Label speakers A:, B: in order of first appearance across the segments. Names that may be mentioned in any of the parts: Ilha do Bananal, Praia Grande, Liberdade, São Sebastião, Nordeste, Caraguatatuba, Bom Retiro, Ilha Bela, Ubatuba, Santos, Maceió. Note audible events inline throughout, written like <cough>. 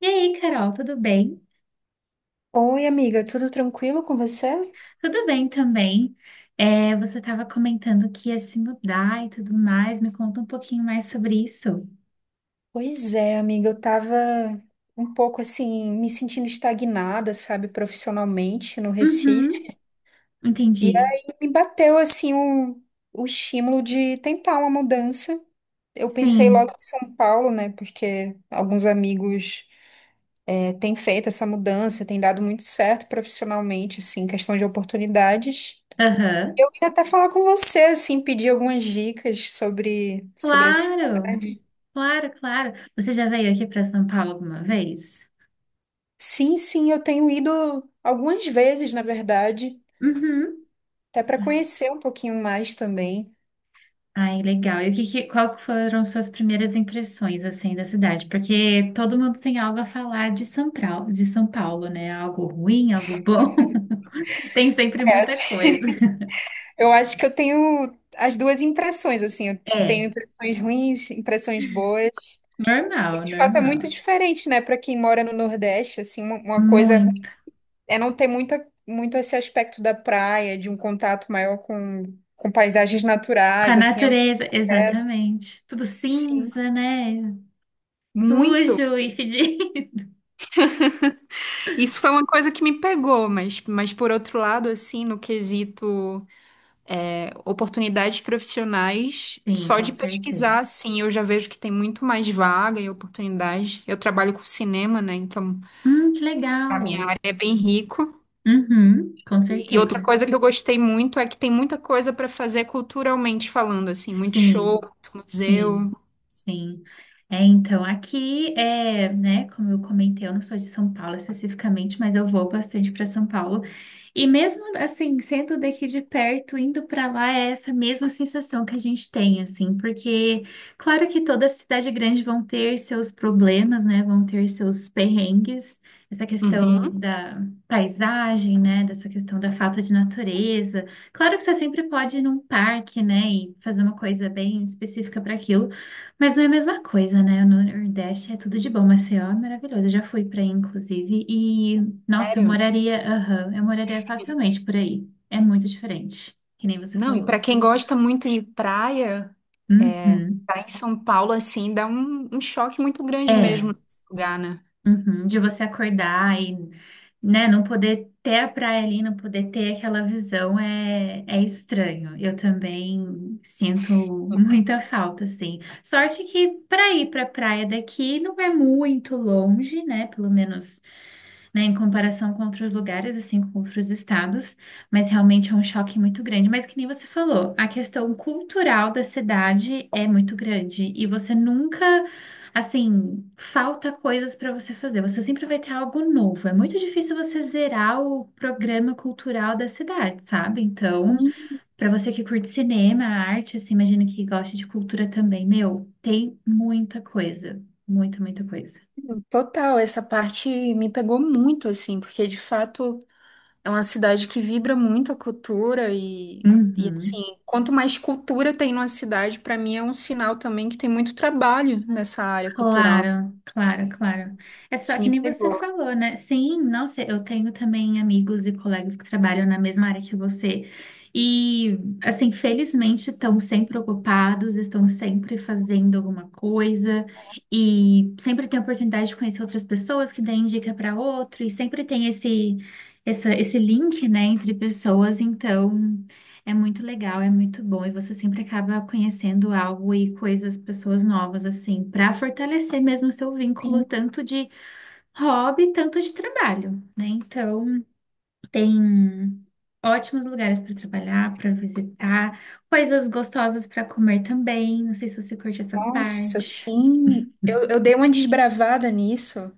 A: E aí, Carol, tudo bem?
B: Oi, amiga, tudo tranquilo com você?
A: Tudo bem também. É, você estava comentando que ia se mudar e tudo mais. Me conta um pouquinho mais sobre isso.
B: Pois é, amiga, eu tava um pouco assim, me sentindo estagnada, sabe, profissionalmente no Recife.
A: Uhum,
B: E
A: entendi.
B: aí me bateu assim o estímulo de tentar uma mudança. Eu pensei logo
A: Sim.
B: em São Paulo, né, porque alguns amigos têm feito essa mudança, tem dado muito certo profissionalmente, assim, questão de oportunidades.
A: Aham.
B: Eu ia até falar com você, assim, pedir algumas dicas sobre a
A: Claro,
B: cidade.
A: claro, claro. Você já veio aqui para São Paulo alguma vez?
B: Sim, sim, eu tenho ido algumas vezes, na verdade,
A: Uhum.
B: até para conhecer um pouquinho mais também.
A: Ai, legal. E o que, que, qual que foram suas primeiras impressões, assim, da cidade? Porque todo mundo tem algo a falar de São Paulo, né? Algo ruim, algo bom. <laughs> Tem sempre
B: É,
A: muita
B: assim,
A: coisa. <laughs>
B: eu acho que eu tenho as duas impressões, assim, eu
A: É,
B: tenho impressões ruins, impressões boas.
A: normal,
B: E, de fato, é muito
A: normal.
B: diferente, né, para quem mora no Nordeste, assim, uma coisa ruim
A: Muito.
B: é não ter muita, muito esse aspecto da praia, de um contato maior com paisagens
A: Com a
B: naturais, assim,
A: natureza,
B: é, é-
A: exatamente. Tudo
B: sim.
A: cinza, né?
B: Muito.
A: Sujo e fedido. <laughs>
B: Isso foi uma coisa que me pegou, mas por outro lado, assim, no quesito oportunidades profissionais
A: Sim,
B: só
A: com
B: de pesquisar,
A: certeza.
B: assim, eu já vejo que tem muito mais vaga e oportunidades. Eu trabalho com cinema, né? Então,
A: Que legal.
B: a minha área é bem rico.
A: Uhum, com
B: E outra
A: certeza.
B: coisa que eu gostei muito é que tem muita coisa para fazer culturalmente falando, assim, muito show,
A: Sim,
B: muito
A: sim,
B: museu.
A: sim. É, então, aqui é, né, como eu comentei, eu não sou de São Paulo especificamente, mas eu vou bastante para São Paulo. E mesmo assim, sendo daqui de perto, indo para lá é essa mesma sensação que a gente tem, assim, porque claro que toda cidade grande vão ter seus problemas, né, vão ter seus perrengues, essa questão
B: Uhum.
A: da paisagem, né, dessa questão da falta de natureza. Claro que você sempre pode ir num parque, né, e fazer uma coisa bem específica para aquilo, mas não é a mesma coisa, né? No Nordeste é tudo de bom, Maceió é maravilhoso. Eu já fui para aí, inclusive, e nossa, eu
B: Sério?
A: moraria, aham, eu moraria facilmente por aí. É muito diferente, que nem você
B: Não, e
A: falou.
B: para quem gosta muito de praia, é,
A: Uhum.
B: tá em São Paulo, assim, dá um choque muito grande mesmo
A: É.
B: nesse lugar, né?
A: Uhum, de você acordar e, né, não poder ter a praia ali, não poder ter aquela visão é, é estranho. Eu também sinto muita falta, assim. Sorte que para ir para a praia daqui não é muito longe, né? Pelo menos né, em comparação com outros lugares, assim, com outros estados, mas realmente é um choque muito grande. Mas que nem você falou, a questão cultural da cidade é muito grande e você nunca, assim, falta coisas para você fazer. Você sempre vai ter algo novo. É muito difícil você zerar o programa cultural da cidade, sabe? Então, para você que curte cinema, arte, assim, imagino que goste de cultura também, meu, tem muita coisa, muita, muita coisa.
B: Total, essa parte me pegou muito, assim, porque de fato é uma cidade que vibra muito a cultura e
A: Uhum.
B: assim, quanto mais cultura tem numa cidade, pra mim é um sinal também que tem muito trabalho nessa área cultural.
A: Claro, claro, claro. É só
B: Isso
A: que
B: me
A: nem você
B: pegou.
A: falou, né? Sim, nossa, eu tenho também amigos e colegas que trabalham na mesma área que você. E, assim, felizmente estão sempre ocupados, estão sempre fazendo alguma coisa e sempre tem a oportunidade de conhecer outras pessoas que dêem dica para outro e sempre tem esse, essa, esse link, né, entre pessoas. Então. É muito legal, é muito bom, e você sempre acaba conhecendo algo e coisas, pessoas novas, assim, para fortalecer mesmo o seu vínculo,
B: Sim,
A: tanto de hobby, tanto de trabalho, né? Então, tem ótimos lugares para trabalhar, para visitar, coisas gostosas para comer também. Não sei se você curte essa
B: nossa,
A: parte.
B: sim, eu dei uma desbravada nisso,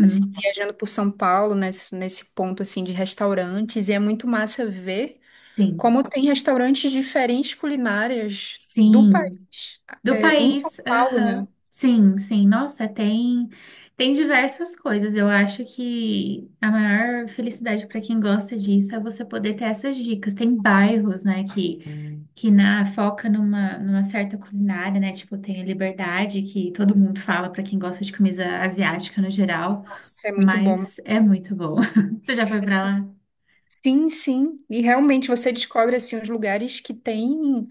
B: assim, viajando por São Paulo, nesse ponto, assim, de restaurantes, e é muito massa ver
A: sim,
B: como tem restaurantes diferentes culinárias do
A: sim,
B: país.
A: Do
B: Em São
A: país,
B: Paulo,
A: aham.
B: né?
A: Sim, sim. Nossa, tem tem diversas coisas. Eu acho que a maior felicidade para quem gosta disso é você poder ter essas dicas. Tem bairros, né, que na foca numa certa culinária, né? Tipo, tem a Liberdade, que todo mundo fala para quem gosta de comida asiática no geral,
B: Nossa, é muito bom.
A: mas é muito bom. <laughs> Você já foi para lá?
B: Sim, sim. E realmente você descobre assim os lugares que tem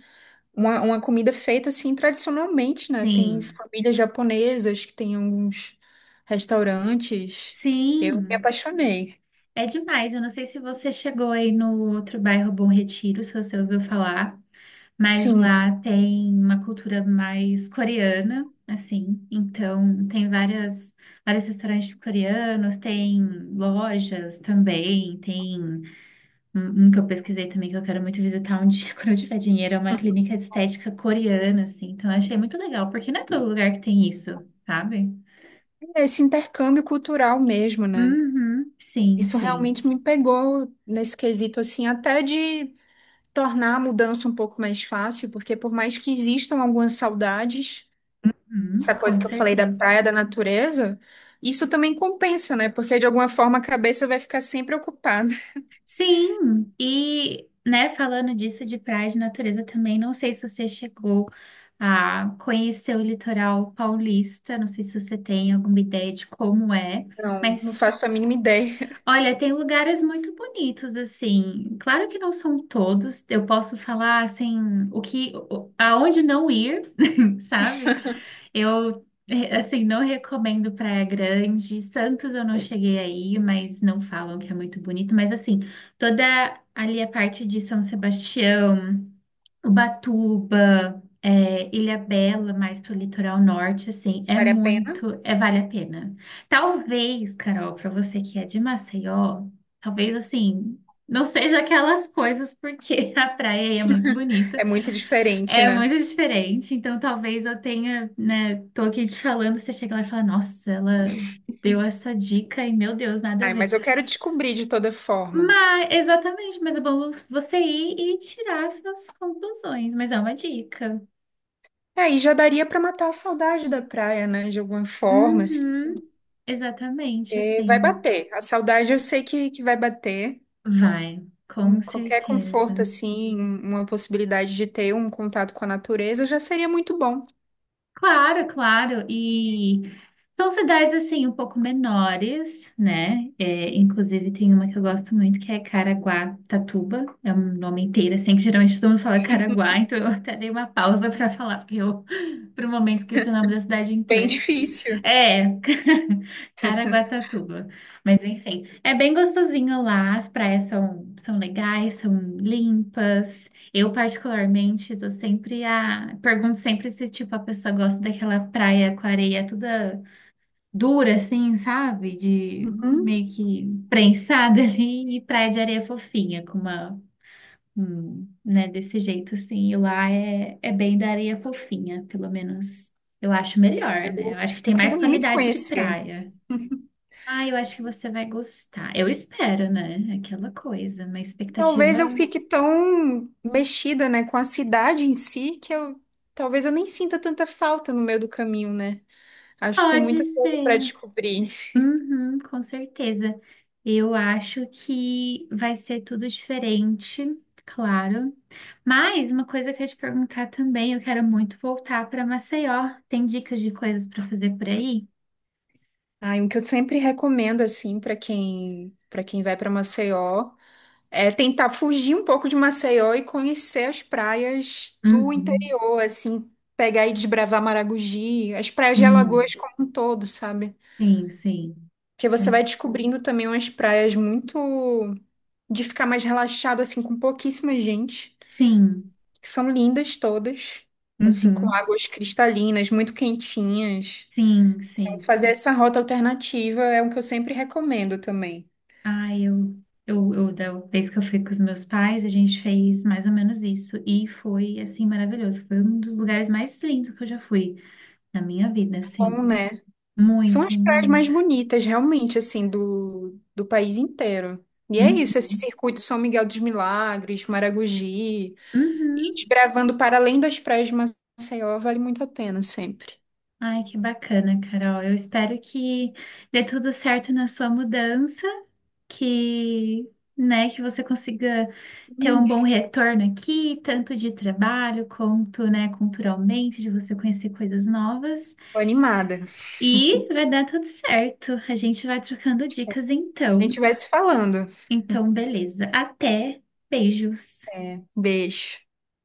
B: uma comida feita assim tradicionalmente, né? Tem
A: Sim.
B: famílias japonesas que tem alguns restaurantes. Eu me
A: Sim.
B: apaixonei.
A: É demais. Eu não sei se você chegou aí no outro bairro Bom Retiro, se você ouviu falar. Mas
B: Sim,
A: lá tem uma cultura mais coreana, assim. Então, tem várias, vários restaurantes coreanos, tem lojas também, tem um que eu pesquisei também que eu quero muito visitar um <laughs> dia quando eu tiver dinheiro, é uma clínica de estética coreana, assim. Então, eu achei muito legal, porque não é todo lugar que tem isso, sabe?
B: esse intercâmbio cultural mesmo, né?
A: Uhum, sim,
B: Isso
A: sim.
B: realmente me pegou nesse quesito assim, até de tornar a mudança um pouco mais fácil, porque por mais que existam algumas saudades,
A: Uhum,
B: essa coisa
A: com
B: que eu falei da
A: certeza.
B: praia, da natureza, isso também compensa, né? Porque de alguma forma a cabeça vai ficar sempre ocupada.
A: Sim, e né, falando disso de praia de natureza também, não sei se você chegou a conhecer o litoral paulista, não sei se você tem alguma ideia de como é,
B: Não, não
A: mas
B: faço a mínima ideia.
A: olha, tem lugares muito bonitos assim. Claro que não são todos, eu posso falar assim, o que o- aonde não ir, <laughs> sabe? Eu, assim, não recomendo Praia Grande. Santos eu não cheguei aí, mas não falam que é muito bonito. Mas, assim, toda ali a parte de São Sebastião, Ubatuba, Ilha Bela mais pro litoral norte, assim,
B: <laughs>
A: é
B: Vale a pena?
A: muito, é, vale a pena. Talvez, Carol, para você que é de Maceió, talvez, assim, não seja aquelas coisas, porque <laughs> a praia aí é muito
B: É
A: bonita.
B: muito diferente,
A: É
B: né?
A: muito diferente, então talvez eu tenha, né, tô aqui te falando, você chega lá e fala, nossa, ela deu essa dica e, meu Deus, nada a
B: Ai, mas
A: ver.
B: eu quero descobrir de toda forma.
A: Mas, exatamente, mas é bom você ir e tirar suas conclusões, mas é uma dica.
B: É, e já daria pra matar a saudade da praia, né? De alguma forma, assim,
A: Uhum, exatamente,
B: porque vai
A: assim.
B: bater. A saudade eu sei que vai bater.
A: Vai, com
B: Qualquer
A: certeza.
B: conforto, assim, uma possibilidade de ter um contato com a natureza já seria muito bom.
A: Claro, claro. E são cidades assim um pouco menores, né? É, inclusive tem uma que eu gosto muito que é Caraguatatuba. É um nome inteiro assim que geralmente todo mundo fala Caraguá, então eu <laughs> até dei uma pausa para falar porque eu <laughs> por um momento esqueci o nome da cidade
B: Bem
A: inteira.
B: <laughs> difícil.
A: É, <laughs> Caraguatatuba. Mas enfim, é bem gostosinho lá, as praias são, são legais, são limpas. Eu, particularmente, tô sempre a. Pergunto sempre se, tipo, a pessoa gosta daquela praia com areia toda dura, assim, sabe? De
B: Uhum.
A: meio que prensada <laughs> ali, e praia de areia fofinha, com uma né, desse jeito, assim, e lá é, é bem da areia fofinha, pelo menos eu acho melhor, né? Eu acho que tem
B: Eu
A: mais
B: quero muito
A: qualidade de
B: conhecer.
A: praia. Ah, eu acho que você vai gostar. Eu espero, né? Aquela coisa, uma expectativa
B: Talvez eu fique tão mexida, né, com a cidade em si, que eu talvez eu nem sinta tanta falta no meio do caminho, né? Acho que tem
A: pode
B: muita coisa para
A: ser.
B: descobrir.
A: Uhum, com certeza. Eu acho que vai ser tudo diferente, claro. Mas uma coisa que eu ia te perguntar também, eu quero muito voltar para Maceió. Tem dicas de coisas para fazer por aí?
B: Ah, e um que eu sempre recomendo assim para quem vai para Maceió é tentar fugir um pouco de Maceió e conhecer as praias do
A: Uhum.
B: interior, assim, pegar e desbravar Maragogi, as praias de
A: Sim,
B: Alagoas como um todo, sabe?
A: sim, sim.
B: Porque
A: É-
B: você vai descobrindo também umas praias muito de ficar mais relaxado, assim, com pouquíssima gente,
A: Sim,
B: que são lindas todas, assim, com
A: uhum,
B: águas cristalinas, muito quentinhas.
A: sim,
B: Então,
A: sim.
B: fazer essa rota alternativa é o que eu sempre recomendo também.
A: Ah, eu, da vez que eu fui com os meus pais, a gente fez mais ou menos isso. E foi, assim, maravilhoso. Foi um dos lugares mais lindos que eu já fui na minha vida,
B: Bom,
A: assim.
B: né? São
A: Muito,
B: as praias mais
A: muito.
B: bonitas, realmente, assim, do país inteiro. E é isso, esse
A: Uhum,
B: circuito São Miguel dos Milagres, Maragogi, e
A: uhum.
B: desbravando para além das praias de Maceió, vale muito a pena sempre.
A: Ai, que bacana, Carol. Eu espero que dê tudo certo na sua mudança. Que, né, que você consiga ter um bom retorno aqui, tanto de trabalho quanto, né, culturalmente, de você conhecer coisas novas.
B: Tô animada.
A: E vai dar tudo certo. A gente vai trocando dicas
B: A
A: então.
B: gente vai se falando.
A: Então, beleza. Até. Beijos.
B: É, beijo.